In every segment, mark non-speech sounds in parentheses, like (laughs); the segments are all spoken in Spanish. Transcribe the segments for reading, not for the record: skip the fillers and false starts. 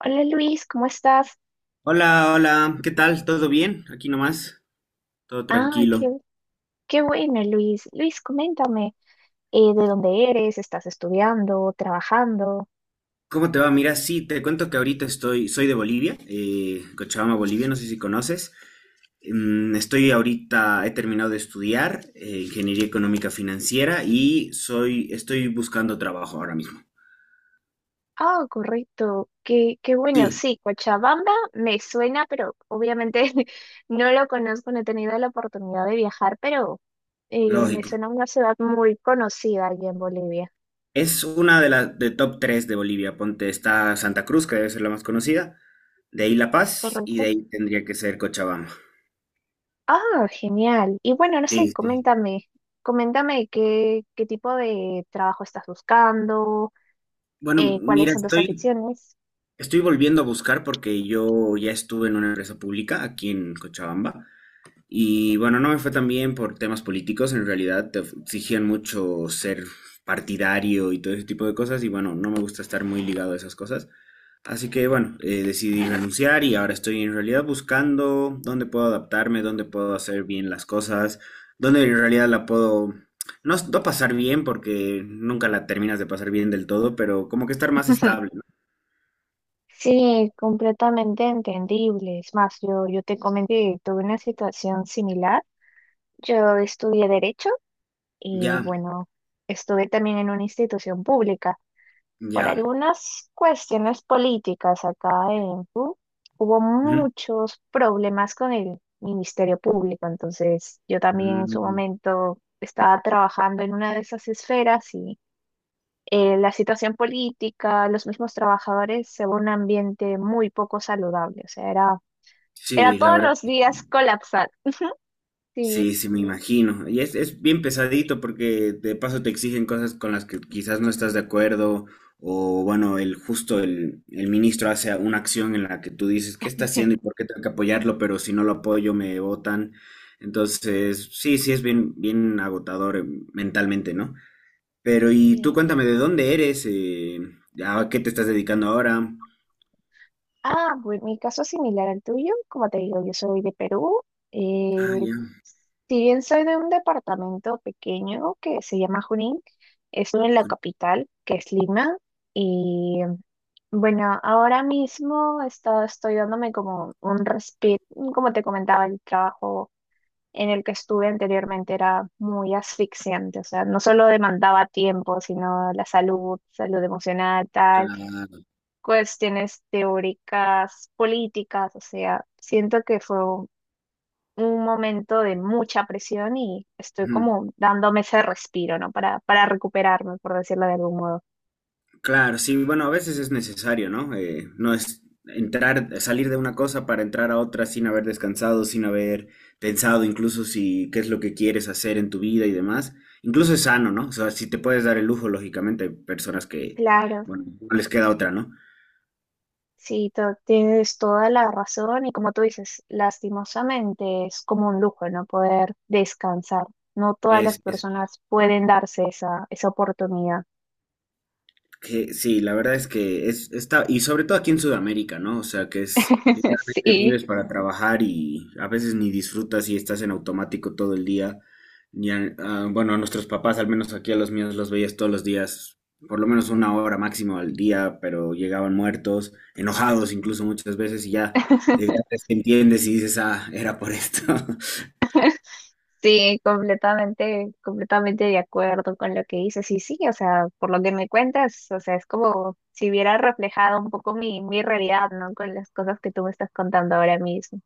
Hola Luis, ¿cómo estás? Hola, hola, ¿qué tal? ¿Todo bien? Aquí nomás, todo Ah, tranquilo. Qué bueno Luis. Luis, coméntame, ¿de dónde eres? ¿Estás estudiando? ¿Trabajando? ¿Cómo te va? Mira, sí, te cuento que ahorita estoy, soy de Bolivia, Cochabamba, Bolivia, no sé si conoces. Estoy ahorita, he terminado de estudiar Ingeniería Económica Financiera y soy, estoy buscando trabajo ahora mismo. Ah, correcto, qué bueno. Sí, Sí, Cochabamba me suena, pero obviamente (laughs) no lo conozco, no he tenido la oportunidad de viajar, pero me lógico. suena una ciudad muy conocida allí en Bolivia, Es una de las de top 3 de Bolivia. Ponte, está Santa Cruz, que debe ser la más conocida, de ahí La Paz y de ¿correcto? ahí tendría que ser Cochabamba. Ah, genial. Y bueno, no sé, Sí, sí. coméntame, coméntame qué tipo de trabajo estás buscando, Bueno, cuáles mira, son tus estoy, aficiones. estoy volviendo a buscar porque yo ya estuve en una empresa pública aquí en Cochabamba y bueno, no me fue tan bien por temas políticos, en realidad te exigían mucho ser partidario y todo ese tipo de cosas y bueno, no me gusta estar muy ligado a esas cosas. Así que bueno, decidí renunciar y ahora estoy en realidad buscando dónde puedo adaptarme, dónde puedo hacer bien las cosas, dónde en realidad la puedo no, no pasar bien porque nunca la terminas de pasar bien del todo, pero como que estar más (laughs) estable, ¿no? Sí, completamente entendible. Es más, yo te comenté que tuve una situación similar. Yo estudié Derecho y Ya, bueno, estuve también en una institución pública. Por ya. algunas cuestiones políticas acá en Perú, hubo Ujú. muchos problemas con el Ministerio Público. Entonces, yo también en su Mm, momento estaba trabajando en una de esas esferas y la situación política, los mismos trabajadores, se ve un ambiente muy poco saludable. O sea, era sí, la todos verdad, los días colapsar. Sí, sí, sí, me imagino. Y es bien pesadito porque de paso te exigen cosas con las que quizás no estás de acuerdo o bueno, el justo el ministro hace una acción en la que tú dices, ¿qué está haciendo y por qué tengo que apoyarlo? Pero si no lo apoyo me votan. Entonces, sí, sí, es bien, bien agotador mentalmente, ¿no? Pero y tú sí. cuéntame, ¿de dónde eres? ¿A qué te estás dedicando ahora? Ah, bueno, mi caso es similar al tuyo. Como te digo, yo soy de Perú. Ah, eh, ya. si bien soy de un departamento pequeño que se llama Junín, estuve en la capital, que es Lima, y bueno, ahora mismo estoy dándome como un respiro, como te comentaba, el trabajo en el que estuve anteriormente era muy asfixiante, o sea, no solo demandaba tiempo, sino la salud, salud emocional, tal, Claro. cuestiones teóricas, políticas, o sea, siento que fue un momento de mucha presión y estoy como dándome ese respiro, ¿no? Para recuperarme, por decirlo de algún modo. Claro, sí, bueno, a veces es necesario, ¿no? No es entrar, salir de una cosa para entrar a otra sin haber descansado, sin haber pensado incluso si qué es lo que quieres hacer en tu vida y demás. Incluso es sano, ¿no? O sea, si te puedes dar el lujo, lógicamente, hay personas que, Claro. bueno, no les queda otra, ¿no? Sí, tienes toda la razón y como tú dices, lastimosamente es como un lujo no poder descansar. No todas las Es personas pueden darse esa oportunidad. que sí, la verdad es que es, está, y sobre todo aquí en Sudamérica, ¿no? O sea, que es... (laughs) Te Sí, vives para trabajar y a veces ni disfrutas y estás en automático todo el día. Y a- bueno, a nuestros papás, al menos aquí a los míos, los veías todos los días, por lo menos una hora máximo al día, pero llegaban muertos, enojados incluso muchas veces y ya de (laughs) grandes te entiendes y dices, ah, era por esto. (laughs) sí, completamente, completamente de acuerdo con lo que dices. Y sí, o sea, por lo que me cuentas, o sea, es como si hubiera reflejado un poco mi realidad, ¿no? Con las cosas que tú me estás contando ahora mismo.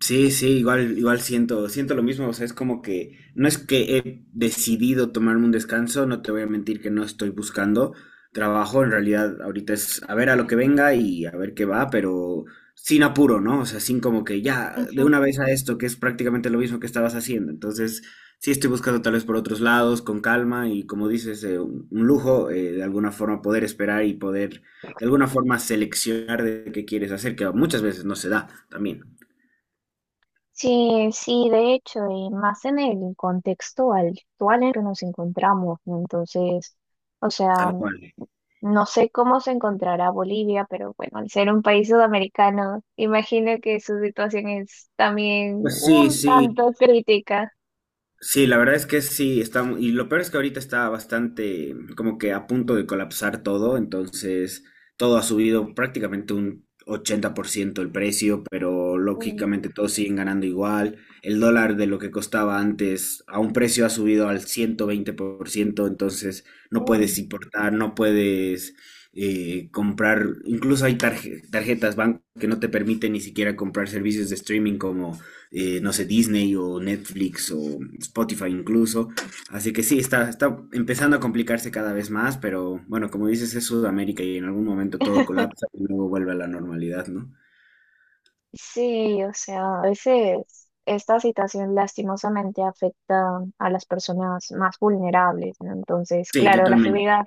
Sí, sí, igual, igual siento, siento lo mismo, o sea, es como que no es que he decidido tomarme un descanso, no te voy a mentir que no estoy buscando trabajo, en realidad ahorita es a ver a lo que venga y a ver qué va, pero sin apuro, ¿no? O sea, sin como que ya de Ujú. una vez a esto, que es prácticamente lo mismo que estabas haciendo, entonces sí estoy buscando tal vez por otros lados, con calma y como dices, un lujo, de alguna forma poder esperar y poder de alguna forma seleccionar de qué quieres hacer, que muchas veces no se da también, Sí, sí, de hecho, y más en el contexto actual en el que nos encontramos, ¿no? Entonces, o sea, tal cual. no sé cómo se encontrará Bolivia, pero bueno, al ser un país sudamericano, imagino que su situación es también Pues sí, un sí, tanto crítica. sí, la verdad es que sí, está, mu- y lo peor es que ahorita está bastante como que a punto de colapsar todo, entonces todo ha subido prácticamente un 80% el precio, pero Uy, lógicamente todos siguen ganando igual, el dólar de lo que costaba antes a un precio ha subido al 120%. Entonces no puedes uy. importar, no puedes comprar, incluso hay tarje- tarjetas banco que no te permiten ni siquiera comprar servicios de streaming como no sé, Disney o Netflix o Spotify incluso. Así que sí, está, está empezando a complicarse cada vez más, pero bueno, como dices, es Sudamérica y en algún momento todo (laughs) colapsa y luego vuelve a la normalidad, ¿no? Sí, o sea, a veces esta situación lastimosamente afecta a las personas más vulnerables, ¿no? Entonces, Sí, claro, totalmente.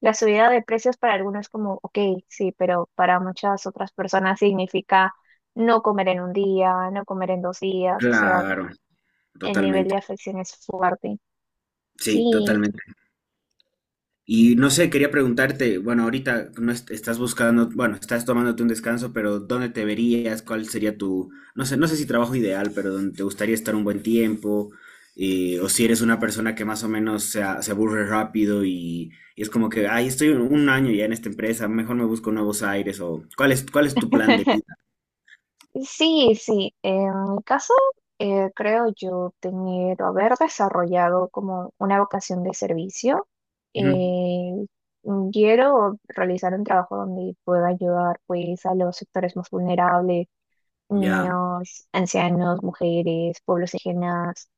la subida de precios para algunos como, ok, sí, pero para muchas otras personas significa no comer en un día, no comer en dos días, o sea, Claro, el nivel de totalmente. afección es fuerte. Sí, Sí. totalmente. Y no sé, quería preguntarte, bueno, ahorita no est- estás buscando, bueno, estás tomándote un descanso, pero ¿dónde te verías? ¿Cuál sería tu, no sé, no sé si trabajo ideal, pero dónde te gustaría estar un buen tiempo? ¿O si eres una persona que más o menos se, a- se aburre rápido y es como que, ay, estoy un año ya en esta empresa, mejor me busco nuevos aires? O cuál es tu plan de (laughs) vida? Sí, sí. En mi caso, creo yo tener o haber desarrollado como una vocación de servicio. Ujú, Eh, Quiero realizar un trabajo donde pueda ayudar pues a los sectores más vulnerables, ya, niños, ancianos, mujeres, pueblos indígenas.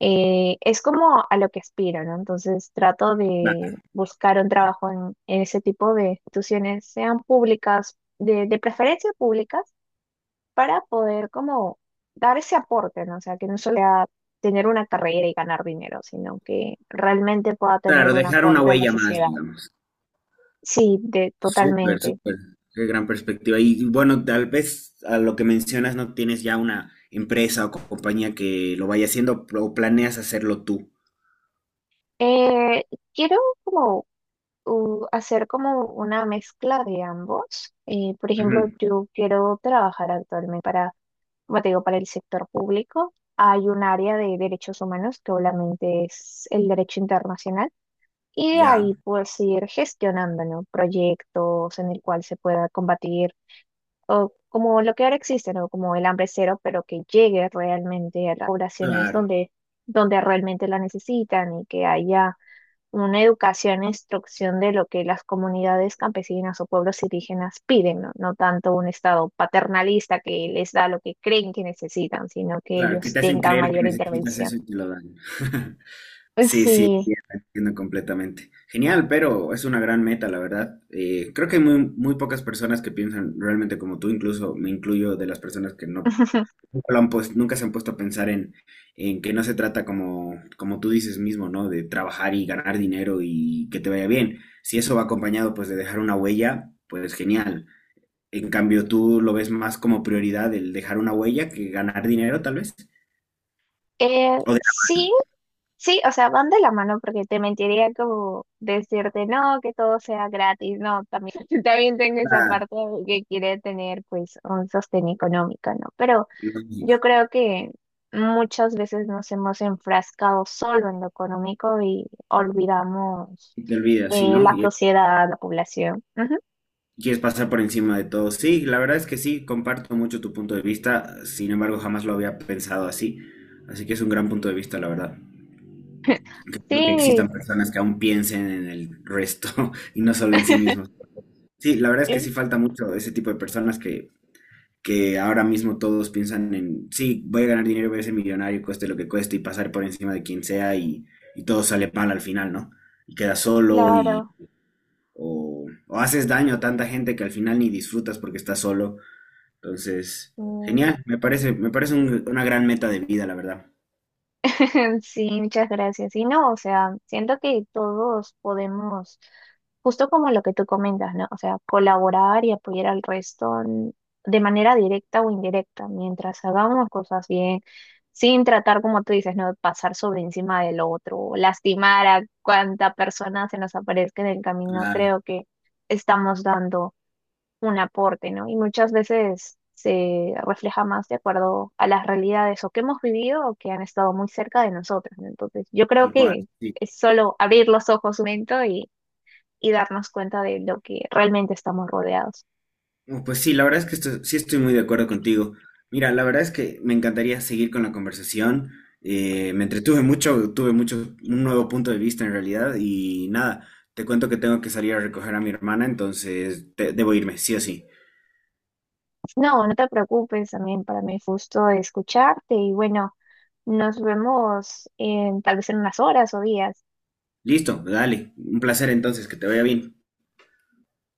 Es como a lo que aspiro, ¿no? Entonces trato de buscar un trabajo en ese tipo de instituciones, sean públicas, de preferencia públicas para poder como dar ese aporte, ¿no? O sea, que no solo sea tener una carrera y ganar dinero, sino que realmente pueda claro, tener un dejar una aporte a la huella más, sociedad. digamos. Sí, Súper, totalmente. súper. Qué gran perspectiva. Y bueno, tal vez a lo que mencionas no tienes ya una empresa o co- compañía que lo vaya haciendo o planeas hacerlo tú. Eh, Quiero como hacer como una mezcla de ambos. Por ejemplo, Ujú. yo quiero trabajar actualmente para, como te digo, para el sector público. Hay un área de derechos humanos que obviamente es el derecho internacional. Y de ahí Ya, pues ir gestionando, ¿no? Proyectos en el cual se pueda combatir, o como lo que ahora existe, ¿no? Como el hambre cero, pero que llegue realmente a las poblaciones claro, donde, donde realmente la necesitan y que haya una educación e instrucción de lo que las comunidades campesinas o pueblos indígenas piden, ¿no? No tanto un estado paternalista que les da lo que creen que necesitan, sino que claro, que ellos te hacen tengan creer que mayor necesitas intervención. eso y te lo dan. (laughs) Pues Sí, sí, sí. entiendo, entiendo completamente. Genial, pero es una gran meta, la verdad. Creo que hay muy, muy pocas personas que piensan realmente como tú, incluso me incluyo de las personas que no (laughs) lo han pues, nunca se han puesto a pensar en que no se trata como, como tú dices mismo, ¿no? De trabajar y ganar dinero y que te vaya bien. Si eso va acompañado pues de dejar una huella, pues genial. En cambio, tú lo ves más como prioridad el dejar una huella que ganar dinero, tal vez. Eh, O de sí, Sí, o sea, van de la mano porque te mentiría como decirte no, que todo sea gratis, no, también, (laughs) también tengo esa hablar, parte de que quiere tener pues un sostén económico, ¿no? Pero lógico, yo creo que muchas veces nos hemos enfrascado solo en lo económico y olvidamos y te olvidas, ¿sí, no? la Y sociedad, la población. Ujú. quieres pasar por encima de todo. Sí, la verdad es que sí, comparto mucho tu punto de vista. Sin embargo, jamás lo había pensado así. Así que es un gran punto de vista, la verdad. Creo que Sí, existan personas que aún piensen en el resto (laughs) y no solo en sí (laughs) mismos. Sí, la verdad es que sí falta mucho de ese tipo de personas que ahora mismo todos piensan en, sí, voy a ganar dinero, voy a ser millonario, cueste lo que cueste y pasar por encima de quien sea y todo sale mal al final, ¿no? Y quedas solo claro. O haces daño a tanta gente que al final ni disfrutas porque estás solo. Entonces, Sí. genial, me parece un- una gran meta de vida, la verdad. (laughs) Sí, muchas gracias. Y no, o sea, siento que todos podemos, justo como lo que tú comentas, ¿no? O sea, colaborar y apoyar al resto de manera directa o indirecta, mientras hagamos cosas bien, sin tratar, como tú dices, ¿no? De pasar sobre encima del otro, o lastimar a cuanta persona se nos aparezca en el camino. Claro, Creo que estamos dando un aporte, ¿no? Y muchas veces se refleja más de acuerdo a las realidades o que hemos vivido o que han estado muy cerca de nosotros, ¿no? Entonces, yo creo tal cual, que sí. es solo abrir los ojos un momento y darnos cuenta de lo que realmente estamos rodeados. No, pues sí, la verdad es que esto- sí estoy muy de acuerdo contigo. Mira, la verdad es que me encantaría seguir con la conversación. Me entretuve mucho, tuve mucho, un nuevo punto de vista en realidad y nada, te cuento que tengo que salir a recoger a mi hermana, entonces te- debo irme, sí o sí. No, no te preocupes, también para mí fue justo escucharte y bueno, nos vemos en, tal vez en unas horas o días. Listo, dale, un placer entonces, que te vaya bien.